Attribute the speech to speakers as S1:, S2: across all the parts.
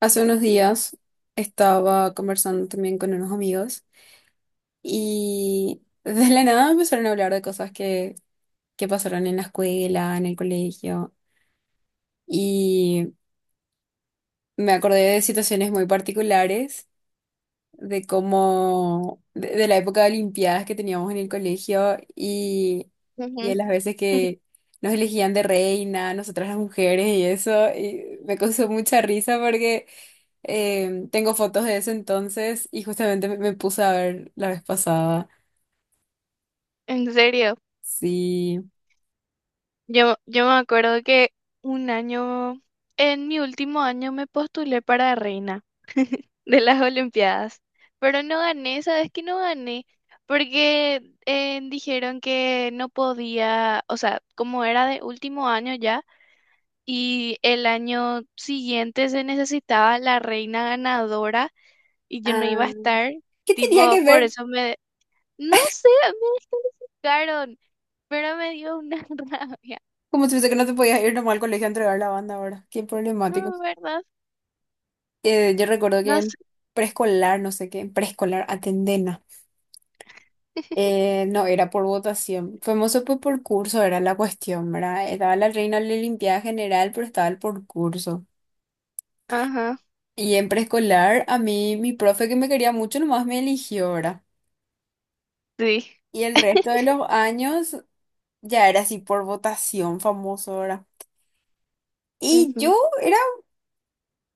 S1: Hace unos días estaba conversando también con unos amigos y de la nada empezaron a hablar de cosas que pasaron en la escuela, en el colegio y me acordé de situaciones muy particulares, de la época de Olimpiadas que teníamos en el colegio y de
S2: Ujú.
S1: las veces que nos elegían de reina, nosotras las mujeres y eso, y me causó mucha risa porque... Tengo fotos de ese entonces y justamente me puse a ver la vez pasada.
S2: En serio,
S1: Sí.
S2: yo me acuerdo que un año, en mi último año me postulé para reina de las Olimpiadas, pero no gané, ¿sabes qué? No gané porque dijeron que no podía, o sea, como era de último año ya y el año siguiente se necesitaba la reina ganadora y yo
S1: Ah,
S2: no iba a estar,
S1: ¿qué tenía
S2: tipo,
S1: que
S2: por
S1: ver?
S2: eso no sé, me dejaron, pero me dio una rabia.
S1: Como si fuese que no te podías ir nomás al colegio a entregar la banda ahora. Qué problemático.
S2: No, ¿verdad?
S1: Yo recuerdo que
S2: No
S1: en
S2: sé.
S1: preescolar, no sé qué, en preescolar, Atendena. No, era por votación. Famoso pues por curso era la cuestión, ¿verdad? Estaba la reina de la limpieza general, pero estaba el por curso.
S2: Ajá,
S1: Y en preescolar, a mí, mi profe que me quería mucho, nomás me eligió, ¿verdad?
S2: sí.
S1: Y el resto de los años ya era así por votación famoso, ¿verdad? Y
S2: Ujú.
S1: yo era,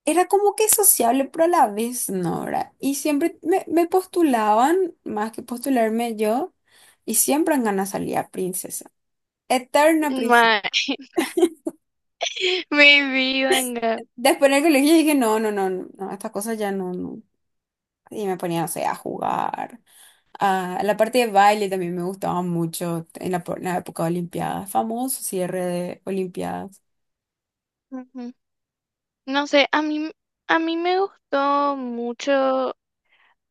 S1: era como que sociable, pero a la vez no, ¿verdad? Y siempre me postulaban, más que postularme yo, y siempre en ganas salía princesa. Eterna princesa.
S2: Ma- Maybe, venga.
S1: Después en el colegio dije, no, no, no, no, no, estas cosas ya no, no. Y me ponía, no sé, a jugar. A la parte de baile también me gustaba mucho en en la época de Olimpiadas. Famoso cierre de Olimpiadas.
S2: Ujú. No sé, a mí me gustó mucho,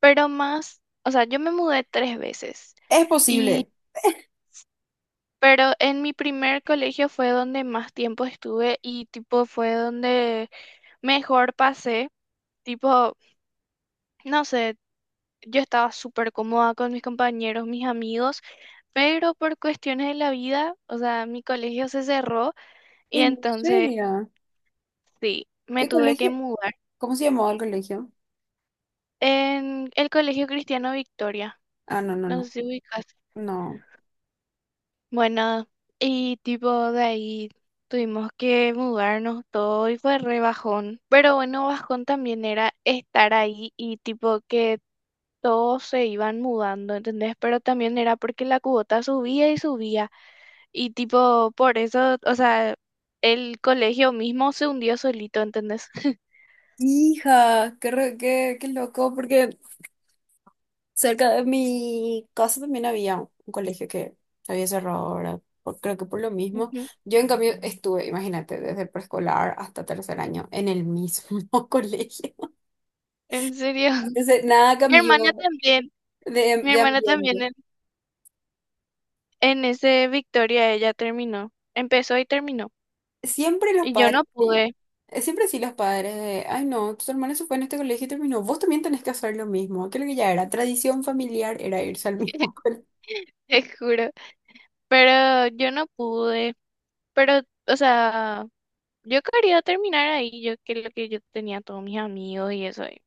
S2: pero más, o sea, yo me mudé tres veces.
S1: Es
S2: Y,
S1: posible.
S2: pero en mi primer colegio fue donde más tiempo estuve y tipo fue donde mejor pasé. Tipo, no sé. Yo estaba súper cómoda con mis compañeros, mis amigos, pero por cuestiones de la vida, o sea, mi colegio se cerró y
S1: ¿En
S2: entonces
S1: serio?
S2: sí, me
S1: ¿Qué
S2: tuve que
S1: colegio?
S2: mudar
S1: ¿Cómo se llamaba el colegio?
S2: en el Colegio Cristiano Victoria.
S1: Ah, no, no,
S2: No sé
S1: no.
S2: si ubicas.
S1: No.
S2: Bueno, y tipo de ahí tuvimos que mudarnos todo y fue re bajón. Pero bueno, bajón también era estar ahí y tipo que todos se iban mudando, ¿entendés? Pero también era porque la cuota subía y subía. Y tipo, por eso, o sea, el colegio mismo se hundió solito, ¿entendés?
S1: Hija, qué loco, porque cerca de mi casa también había un colegio que había cerrado ahora, creo que por lo mismo.
S2: Ujú.
S1: Yo en cambio estuve, imagínate, desde preescolar hasta tercer año en el mismo colegio.
S2: En serio.
S1: Entonces, nada
S2: Mi
S1: cambió
S2: hermana también,
S1: de,
S2: mi
S1: de
S2: hermana también
S1: ambiente.
S2: en ese Victoria ella terminó. Empezó y terminó.
S1: Siempre los
S2: Y yo
S1: padres,
S2: no
S1: sí.
S2: pude,
S1: Siempre sí los padres de, ay no, tu hermana se fue en este colegio y terminó. Vos también tenés que hacer lo mismo. Creo que ya era tradición familiar, era irse al mismo colegio.
S2: te juro. Pero yo no pude. Pero, o sea, yo quería terminar ahí, yo que lo que yo tenía todos mis amigos y eso ahí.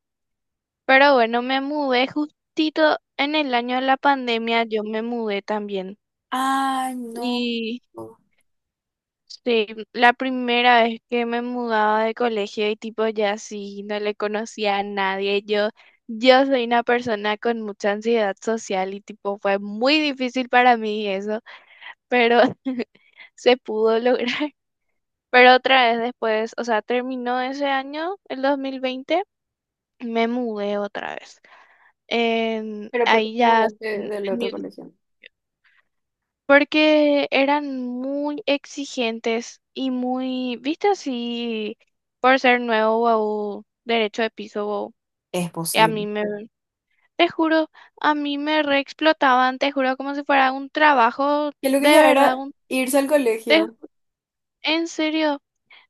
S2: Pero bueno, me mudé justito en el año de la pandemia, yo me mudé también.
S1: Ay, no.
S2: Y sí, la primera vez que me mudaba de colegio y tipo ya sí, no le conocía a nadie. Yo soy una persona con mucha ansiedad social y tipo fue muy difícil para mí eso, pero se pudo lograr. Pero otra vez después, o sea, terminó ese año, el 2020, me mudé otra vez.
S1: Pero porque te
S2: Ahí ya,
S1: mudaste
S2: en,
S1: del
S2: en mi.
S1: otro colegio.
S2: Porque eran muy exigentes y muy, viste así, por ser nuevo wow, derecho de piso wow.
S1: Es
S2: Y a mí
S1: posible.
S2: me, te juro, a mí me re te juro, como si fuera un trabajo
S1: Que lo que
S2: de
S1: ya
S2: verdad,
S1: era
S2: un,
S1: irse al
S2: te-
S1: colegio.
S2: en serio.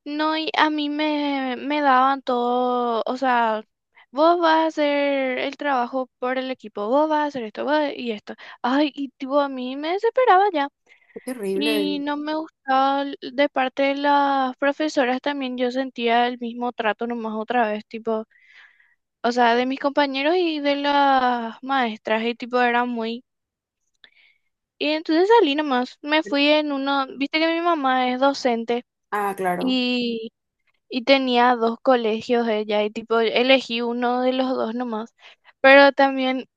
S2: No, y a mí me daban todo, o sea, vos vas a hacer el trabajo por el equipo, vos vas a hacer esto, vos y esto. Ay, y tipo, a mí me desesperaba ya.
S1: Qué
S2: Y
S1: terrible.
S2: no me gustaba de parte de las profesoras también, yo sentía el mismo trato nomás otra vez, tipo, o sea, de mis compañeros y de las maestras, y tipo, era muy... Y entonces salí nomás, me fui en uno, viste que mi mamá es docente
S1: Ah, claro.
S2: y, y tenía dos colegios ella, y tipo, elegí uno de los dos nomás, pero también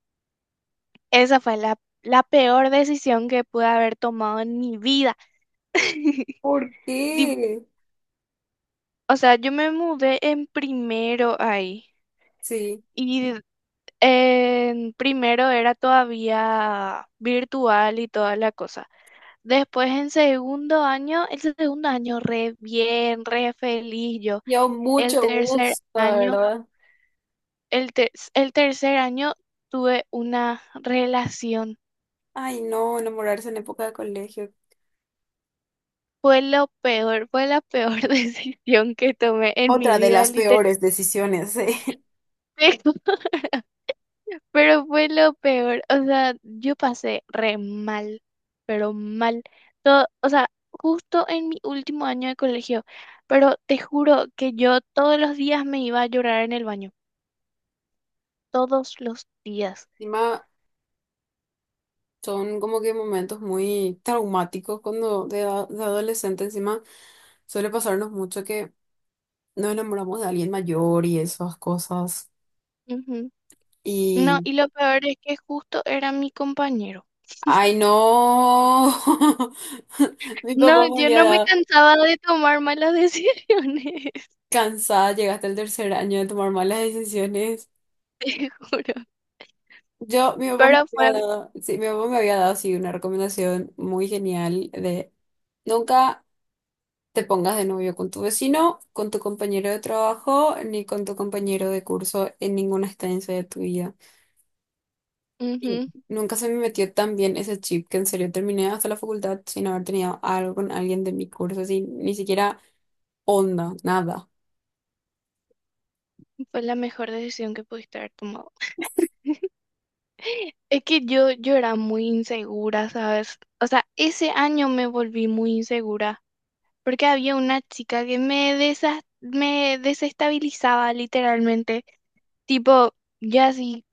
S2: esa fue la, peor decisión que pude haber tomado en mi vida.
S1: ¿Por qué?
S2: O sea, yo me mudé en primero ahí
S1: Sí.
S2: y en primero era todavía virtual y toda la cosa. Después en segundo año, el segundo año re bien, re feliz yo.
S1: Yo
S2: El
S1: mucho
S2: tercer
S1: gusto,
S2: año,
S1: ¿verdad?
S2: el tercer año tuve una relación.
S1: Ay, no, enamorarse en época de colegio.
S2: Fue lo peor, fue la peor decisión que tomé en mi
S1: Otra de
S2: vida,
S1: las
S2: literalmente.
S1: peores decisiones, eh.
S2: Pero fue lo peor, o sea, yo pasé re mal, pero mal. Todo, o sea, justo en mi último año de colegio, pero te juro que yo todos los días me iba a llorar en el baño, todos los días.
S1: Encima, son como que momentos muy traumáticos cuando de adolescente encima suele pasarnos mucho que nos enamoramos de alguien mayor y esas cosas.
S2: Ujú. No,
S1: Y,
S2: y lo peor es que justo era mi compañero.
S1: ay no, mi papá
S2: No,
S1: me
S2: yo
S1: había
S2: no me
S1: dado
S2: cansaba de tomar malas decisiones,
S1: cansada, llegaste al tercer año de tomar malas decisiones.
S2: te juro.
S1: Yo, mi papá me
S2: Pero fue,
S1: había dado, sí, mi papá me había dado, sí, una recomendación muy genial de nunca... te pongas de novio con tu vecino, con tu compañero de trabajo, ni con tu compañero de curso en ninguna estancia de tu vida. Y
S2: ujú,
S1: nunca se me metió tan bien ese chip que en serio terminé hasta la facultad sin haber tenido algo con alguien de mi curso, así, ni siquiera onda, nada.
S2: fue la mejor decisión que pudiste haber tomado. Es que yo era muy insegura, ¿sabes? O sea, ese año me volví muy insegura porque había una chica que me desestabilizaba literalmente. Tipo, ya sí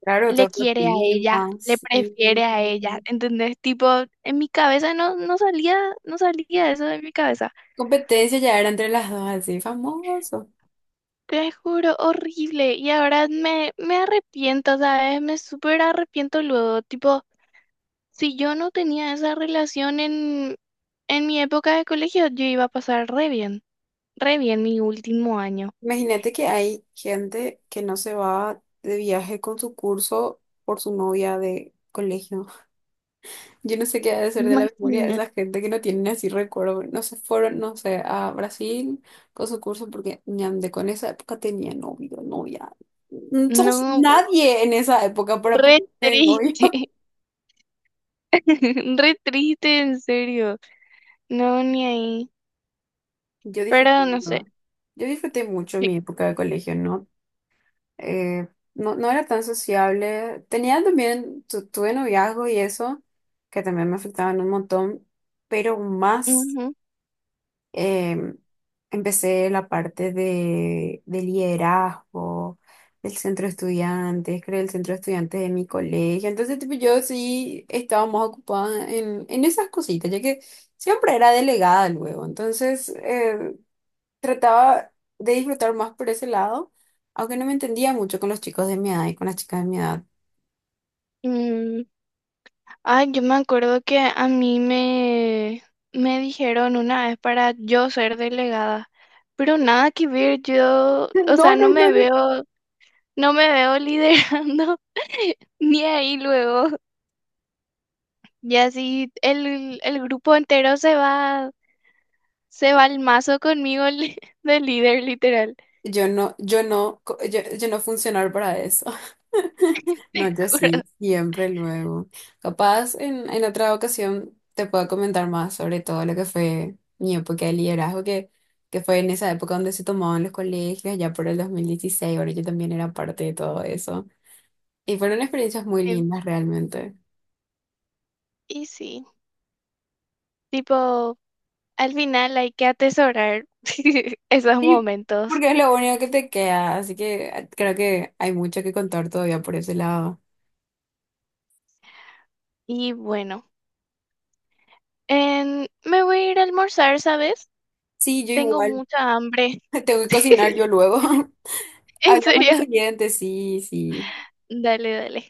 S1: Claro,
S2: le
S1: todos los
S2: quiere a ella, le
S1: primas y
S2: prefiere a ella, ¿entendés? Tipo, en mi cabeza no salía, no salía, eso de mi cabeza.
S1: competencia ya era entre las dos, así famoso.
S2: Te juro, horrible. Y ahora me arrepiento, ¿sabes? Me súper arrepiento luego. Tipo, si yo no tenía esa relación en mi época de colegio, yo iba a pasar re bien mi último año.
S1: Imagínate que hay gente que no se va de viaje con su curso por su novia de colegio. Yo no sé qué ha de ser de la memoria de
S2: Imagínate,
S1: esa gente que no tienen así recuerdo. No se fueron, no sé, a Brasil con su curso porque ñande, con esa época tenía novio, novia. No sos
S2: no,
S1: nadie en esa época para
S2: re
S1: ponerse de novio.
S2: triste, re triste, en serio. No, ni ahí.
S1: Yo disfruté,
S2: Pero no sé.
S1: ¿no? Yo disfruté mucho
S2: Sí,
S1: mi época de colegio, ¿no? Eh, no, no era tan sociable. Tenía también, tuve noviazgo y eso, que también me afectaban un montón, pero más.
S2: ujú,
S1: Em, Empecé la parte de liderazgo, del centro de estudiantes, creé el centro de estudiantes de mi colegio. Entonces, tipo, yo sí estaba más ocupada en esas cositas, ya que siempre era delegada luego. Entonces, trataba de disfrutar más por ese lado, aunque no me entendía mucho con los chicos de mi edad y con las chicas de mi edad.
S2: mm. Ay, yo me acuerdo que a mí me dijeron una vez para yo ser delegada. Pero nada que ver, yo, o
S1: No, no,
S2: sea, no
S1: no,
S2: me
S1: no.
S2: veo. No me veo liderando ni ahí luego. Y así el grupo entero se va, al mazo conmigo de líder, literal.
S1: Yo no funcionar para eso. No,
S2: Te
S1: yo
S2: juro.
S1: sí, siempre luego. Capaz en otra ocasión te puedo comentar más sobre todo lo que fue mi época de liderazgo, que fue en esa época donde se tomaban los colegios, ya por el 2016, ahora yo también era parte de todo eso. Y fueron experiencias muy lindas realmente.
S2: Y sí, tipo, al final hay que atesorar esos
S1: Sí,
S2: momentos.
S1: porque es lo único que te queda, así que creo que hay mucho que contar todavía por ese lado.
S2: Y bueno, me voy a ir a almorzar, ¿sabes?
S1: Sí, yo
S2: Tengo
S1: igual.
S2: mucha hambre.
S1: Tengo que cocinar yo luego.
S2: En
S1: Hablamos en
S2: serio,
S1: siguiente, sí, sí.
S2: dale, dale.